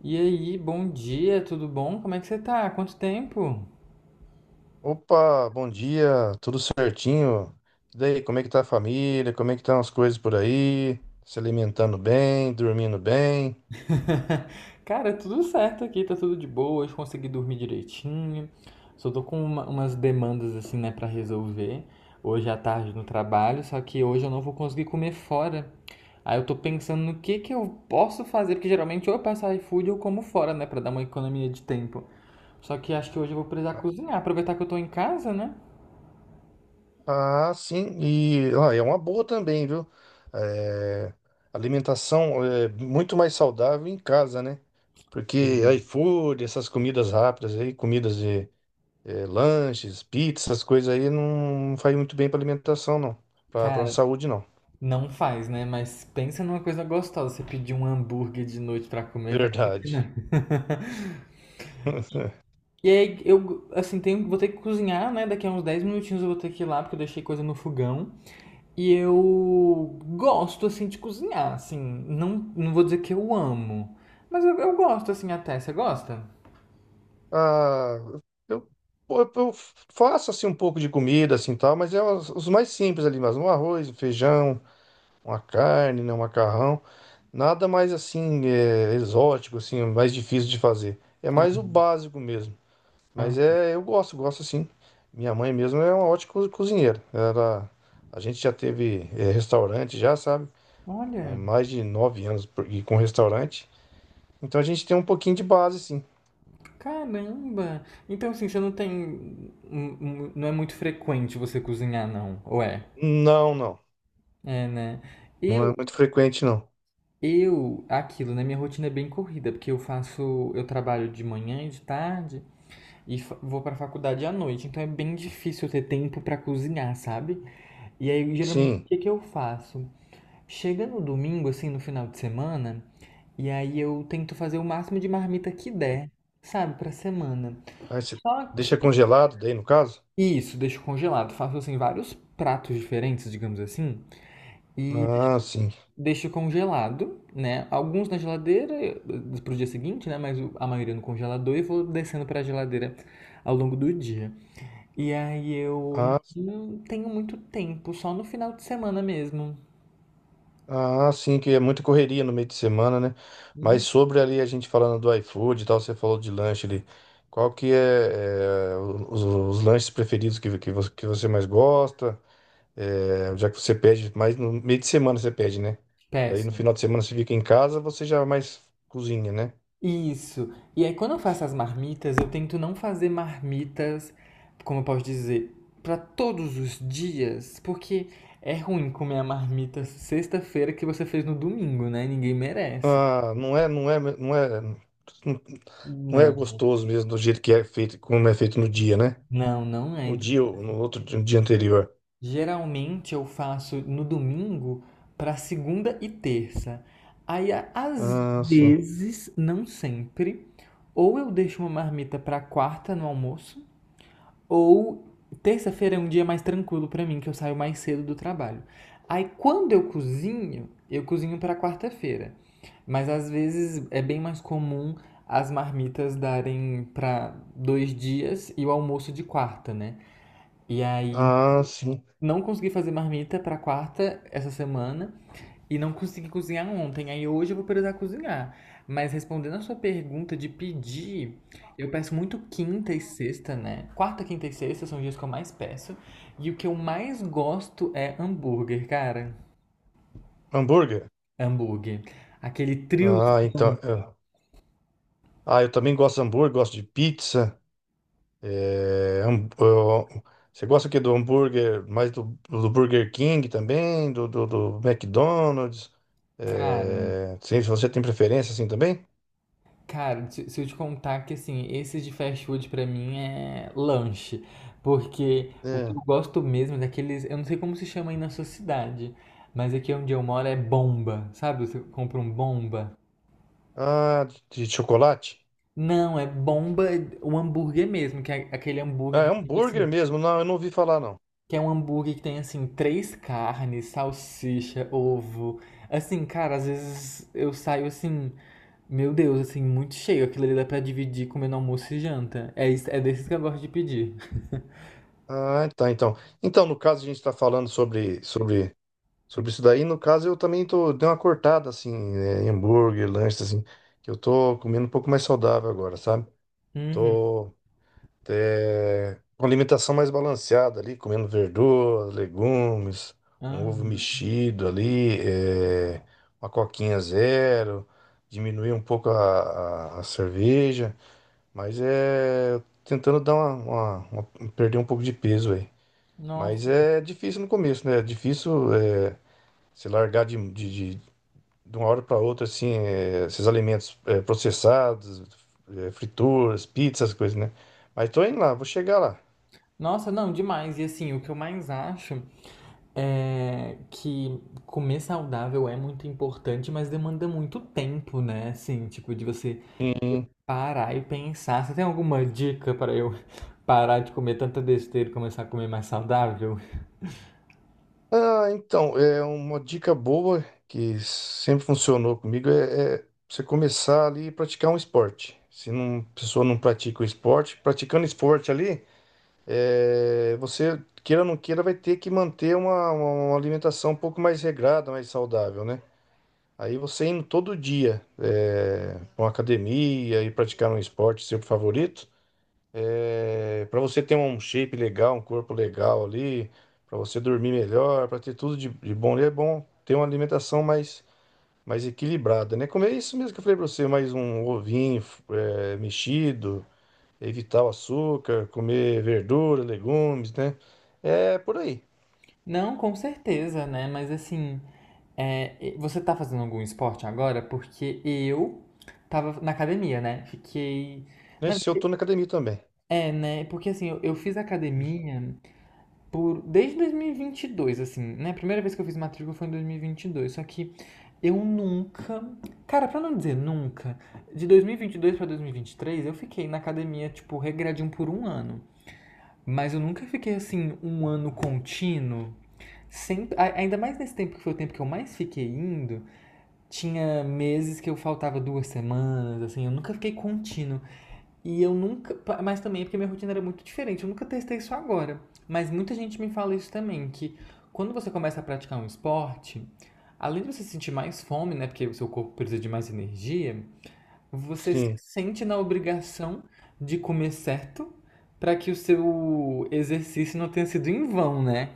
E aí, bom dia, tudo bom? Como é que você tá? Quanto tempo? Opa, bom dia, tudo certinho? E daí, como é que tá a família? Como é que estão as coisas por aí? Se alimentando bem, dormindo bem? Cara, tudo certo aqui, tá tudo de boa, hoje consegui dormir direitinho. Só tô com umas demandas assim, né, pra resolver. Hoje à tarde no trabalho, só que hoje eu não vou conseguir comer fora. Aí eu tô pensando no que eu posso fazer, porque geralmente ou eu peço iFood ou como fora, né, pra dar uma economia de tempo. Só que acho que hoje eu vou precisar cozinhar, aproveitar que eu tô em casa, né? Ah, sim, e ó, é uma boa também, viu? É, alimentação é muito mais saudável em casa, né? Porque iFood, essas comidas rápidas aí, comidas de lanches, pizza, essas coisas aí não faz muito bem pra alimentação, não. Pra Cara, saúde, não. não faz, né? Mas pensa numa coisa gostosa. Você pedir um hambúrguer de noite pra comer, vai ter que Verdade. não. E aí eu, assim, tenho, vou ter que cozinhar, né? Daqui a uns 10 minutinhos eu vou ter que ir lá, porque eu deixei coisa no fogão. E eu gosto, assim, de cozinhar, assim. Não, não vou dizer que eu amo, mas eu gosto, assim, até. Você gosta? Ah, eu, pô, eu faço assim um pouco de comida assim tal, mas é os mais simples ali, mas um arroz, um feijão, uma carne, né, um macarrão, nada mais assim exótico assim, mais difícil de fazer. É Ah, mais o básico mesmo. Mas ah. é, eu gosto, gosto sim. Minha mãe mesmo é uma ótima cozinheira. Ela, a gente já teve restaurante já, sabe? Há Olha, mais de 9 anos e com restaurante. Então a gente tem um pouquinho de base, sim. caramba. Então, assim, você não tem. Não é muito frequente você cozinhar, não? Ou é? Não, não. É, né? E Não é muito frequente, não. eu, aquilo, né? Minha rotina é bem corrida, porque eu faço, eu trabalho de manhã e de tarde e vou pra faculdade à noite, então é bem difícil eu ter tempo pra cozinhar, sabe? E aí, geralmente, o Sim. que que eu faço? Chega no domingo, assim, no final de semana, e aí eu tento fazer o máximo de marmita que der, sabe, pra semana. Aí você Só deixa que congelado daí, no caso? isso, deixo congelado, faço assim vários pratos diferentes, digamos assim, e Ah, sim. deixo congelado, né? Alguns na geladeira para o dia seguinte, né? Mas a maioria no congelador e vou descendo para a geladeira ao longo do dia. E aí eu Ah, sim. não tenho muito tempo, só no final de semana mesmo. Ah, sim, que é muita correria no meio de semana, né? Mas Hum, sobre ali a gente falando do iFood e tal, você falou de lanche ali. Qual que é os lanches preferidos que você mais gosta? É, já que você pede, mais no meio de semana você pede, né? Daí no Péssimo. final de semana você fica em casa, você já é mais cozinha, né? Isso. E aí quando eu faço as marmitas, eu tento não fazer marmitas, como eu posso dizer, para todos os dias, porque é ruim comer a marmita sexta-feira que você fez no domingo, né? Ninguém merece. Ah, não é Não. gostoso mesmo do jeito que é feito, como é feito no dia, né? Não, não é. No Então, dia, ou no outro dia no dia anterior. geralmente eu faço no domingo para segunda e terça. Aí, às Ah, sim. vezes, não sempre, ou eu deixo uma marmita para quarta no almoço, ou terça-feira é um dia mais tranquilo para mim, que eu saio mais cedo do trabalho. Aí, quando eu cozinho para quarta-feira. Mas às vezes é bem mais comum as marmitas darem para dois dias e o almoço de quarta, né? E aí Ah, sim. não consegui fazer marmita pra quarta essa semana e não consegui cozinhar ontem. Aí hoje eu vou precisar cozinhar. Mas respondendo a sua pergunta de pedir, eu peço muito quinta e sexta, né? Quarta, quinta e sexta são os dias que eu mais peço. E o que eu mais gosto é hambúrguer, cara. Hambúrguer? Hambúrguer. Aquele trio, Ah, então, é. Ah, eu também gosto de hambúrguer, gosto de pizza. É, ó, você gosta o quê do hambúrguer? Mais do, do Burger King também, do McDonald's? cara. É, sim, você tem preferência assim também? Cara, se eu te contar que assim, esse de fast food pra mim é lanche, porque o que É. eu gosto mesmo é daqueles, eu não sei como se chama aí na sua cidade, mas aqui onde eu moro é bomba, sabe? Você compra um bomba. Ah, de chocolate? Não, é bomba, o hambúrguer mesmo, que é aquele Ah, hambúrguer é que fica hambúrguer assim, mesmo? Não, eu não ouvi falar, não. que é um hambúrguer que tem, assim, três carnes, salsicha, ovo. Assim, cara, às vezes eu saio assim, meu Deus, assim, muito cheio. Aquilo ali dá pra dividir comendo almoço e janta. É, é desses que eu gosto de pedir. Ah, tá, então. Então, no caso, a gente está falando sobre isso daí. No caso, eu também tô, dei uma cortada, assim, em hambúrguer, lanches, assim, que eu tô comendo um pouco mais saudável agora, sabe? Uhum. Tô, com alimentação mais balanceada ali, comendo verduras, legumes, um ovo Aham. mexido ali, uma coquinha zero, diminuir um pouco a cerveja. Mas é. Tentando dar perder um pouco de peso aí. Mas Nossa. é difícil no começo, né? É difícil se largar de uma hora para outra, assim, esses alimentos processados, frituras, pizzas, essas coisas, né? Mas tô indo lá, vou chegar lá. Nossa, não, demais. E assim, o que eu mais acho é que comer saudável é muito importante, mas demanda muito tempo, né? Assim, tipo, de você Sim. parar e pensar. Você tem alguma dica para eu parar de comer tanta besteira e começar a comer mais saudável? Ah, então, é uma dica boa que sempre funcionou comigo é você começar ali e praticar um esporte. Se não, a pessoa não pratica o esporte, praticando esporte ali. É, você, queira ou não queira, vai ter que manter uma alimentação um pouco mais regrada, mais saudável, né? Aí você indo todo dia para uma academia e praticar um esporte seu favorito, para você ter um shape legal, um corpo legal ali, para você dormir melhor, para ter tudo de bom, é bom ter uma alimentação mais equilibrada, né? Comer isso mesmo que eu falei para você, mais um ovinho mexido evitar o açúcar, comer verdura, legumes, né? É por aí. Não, com certeza, né? Mas assim, é, você tá fazendo algum esporte agora? Porque eu tava na academia, né? Fiquei. Na Nesse eu verdade, tô na academia também. é, né? Porque assim, eu fiz academia por desde dois mil e vinte e dois assim, né? A primeira vez que eu fiz matrícula foi em dois mil e vinte e dois, só que eu nunca, cara, pra não dizer nunca, de 2022 pra 2023 eu fiquei na academia, tipo, regradinho por um ano. Mas eu nunca fiquei assim um ano contínuo. Sempre, ainda mais nesse tempo que foi o tempo que eu mais fiquei indo, tinha meses que eu faltava duas semanas, assim, eu nunca fiquei contínuo. E eu nunca. Mas também é porque minha rotina era muito diferente. Eu nunca testei isso agora. Mas muita gente me fala isso também, que quando você começa a praticar um esporte, além de você sentir mais fome, né? Porque o seu corpo precisa de mais energia, você se Sim, sente na obrigação de comer certo para que o seu exercício não tenha sido em vão, né?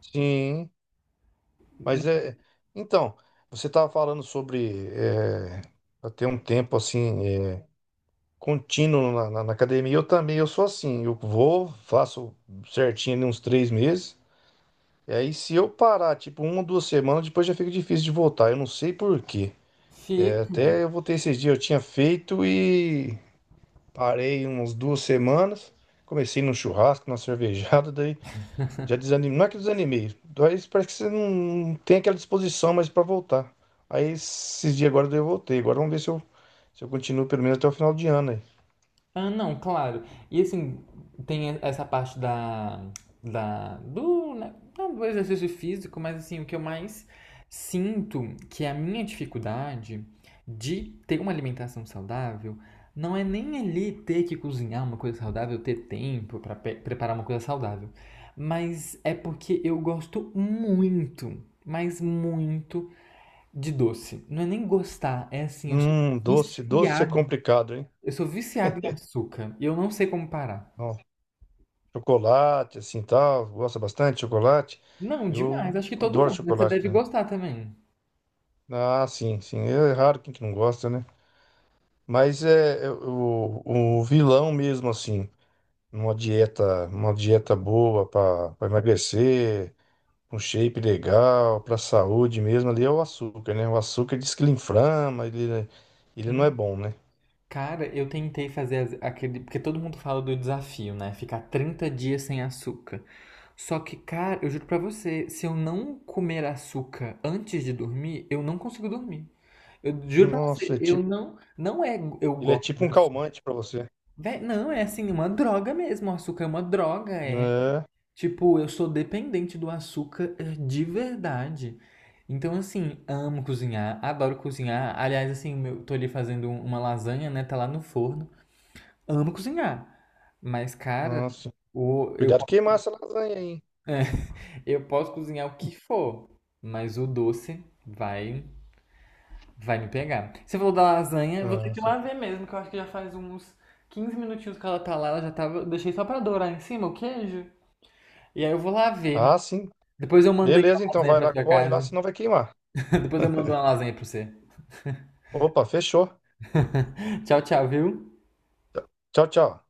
sim. Mas é. Então, você estava falando sobre pra ter um tempo assim contínuo na academia. Eu também, eu sou assim. Eu vou, faço certinho ali uns 3 meses. E aí, se eu parar, tipo, 1 ou 2 semanas, depois já fica difícil de voltar. Eu não sei por quê. É, Fica Até eu voltei esses dias, eu tinha feito e parei umas 2 semanas, comecei num churrasco, numa cervejada, daí já desanimei. Não é que desanimei, mas parece que você não tem aquela disposição mais pra voltar. Aí esses dias agora daí eu voltei. Agora vamos ver se eu, continuo pelo menos até o final de ano aí. ah, não, claro. E assim, tem essa parte da, da do, né, ah, do exercício físico, mas assim, o que eu mais sinto que é a minha dificuldade de ter uma alimentação saudável não é nem ali ter que cozinhar uma coisa saudável, ter tempo para preparar uma coisa saudável, mas é porque eu gosto muito, mas muito de doce. Não é nem gostar, é assim, Doce, doce é viciado complicado, hein? eu sou viciado em açúcar e eu não sei como parar. Não, chocolate, assim tal, gosta bastante de chocolate. Não, Eu demais. Acho que todo adoro mundo, né? Você chocolate, deve né? gostar também. Ah, sim, sim. É raro quem que não gosta, né? Mas é o vilão mesmo, assim. Numa dieta, uma dieta boa para emagrecer, um shape legal, para saúde mesmo, ali é o açúcar, né? O açúcar diz que ele inflama, ele não é Hum. bom, né? Cara, eu tentei fazer aquele. Porque todo mundo fala do desafio, né? Ficar 30 dias sem açúcar. Só que, cara, eu juro pra você, se eu não comer açúcar antes de dormir, eu não consigo dormir. Eu juro pra Nossa, você, é eu tipo, não. Não é. Eu ele é gosto tipo de um açúcar. calmante para você, Não, é assim, uma droga mesmo. O açúcar é uma droga. Né? Tipo, eu sou dependente do açúcar de verdade. Então, assim, amo cozinhar, adoro cozinhar. Aliás, assim, eu tô ali fazendo uma lasanha, né? Tá lá no forno. Amo cozinhar. Mas, cara, Nossa, o, eu, cuidado queimar essa lasanha aí, hein? eu posso cozinhar o que for, mas o doce vai, vai me pegar. Você falou da lasanha, eu vou ter que ir Nossa. lá ver mesmo, que eu acho que já faz uns 15 minutinhos que ela tá lá, ela já tava. Eu Deixei só pra dourar em cima o queijo. E aí eu vou lá ver. Ah, sim. Depois eu mandei uma Beleza, então lasanha vai pra lá, sua corre lá, casa. senão vai queimar. Depois eu mando uma lasanha pra você. Opa, fechou. Tchau, tchau, viu? Tchau, tchau.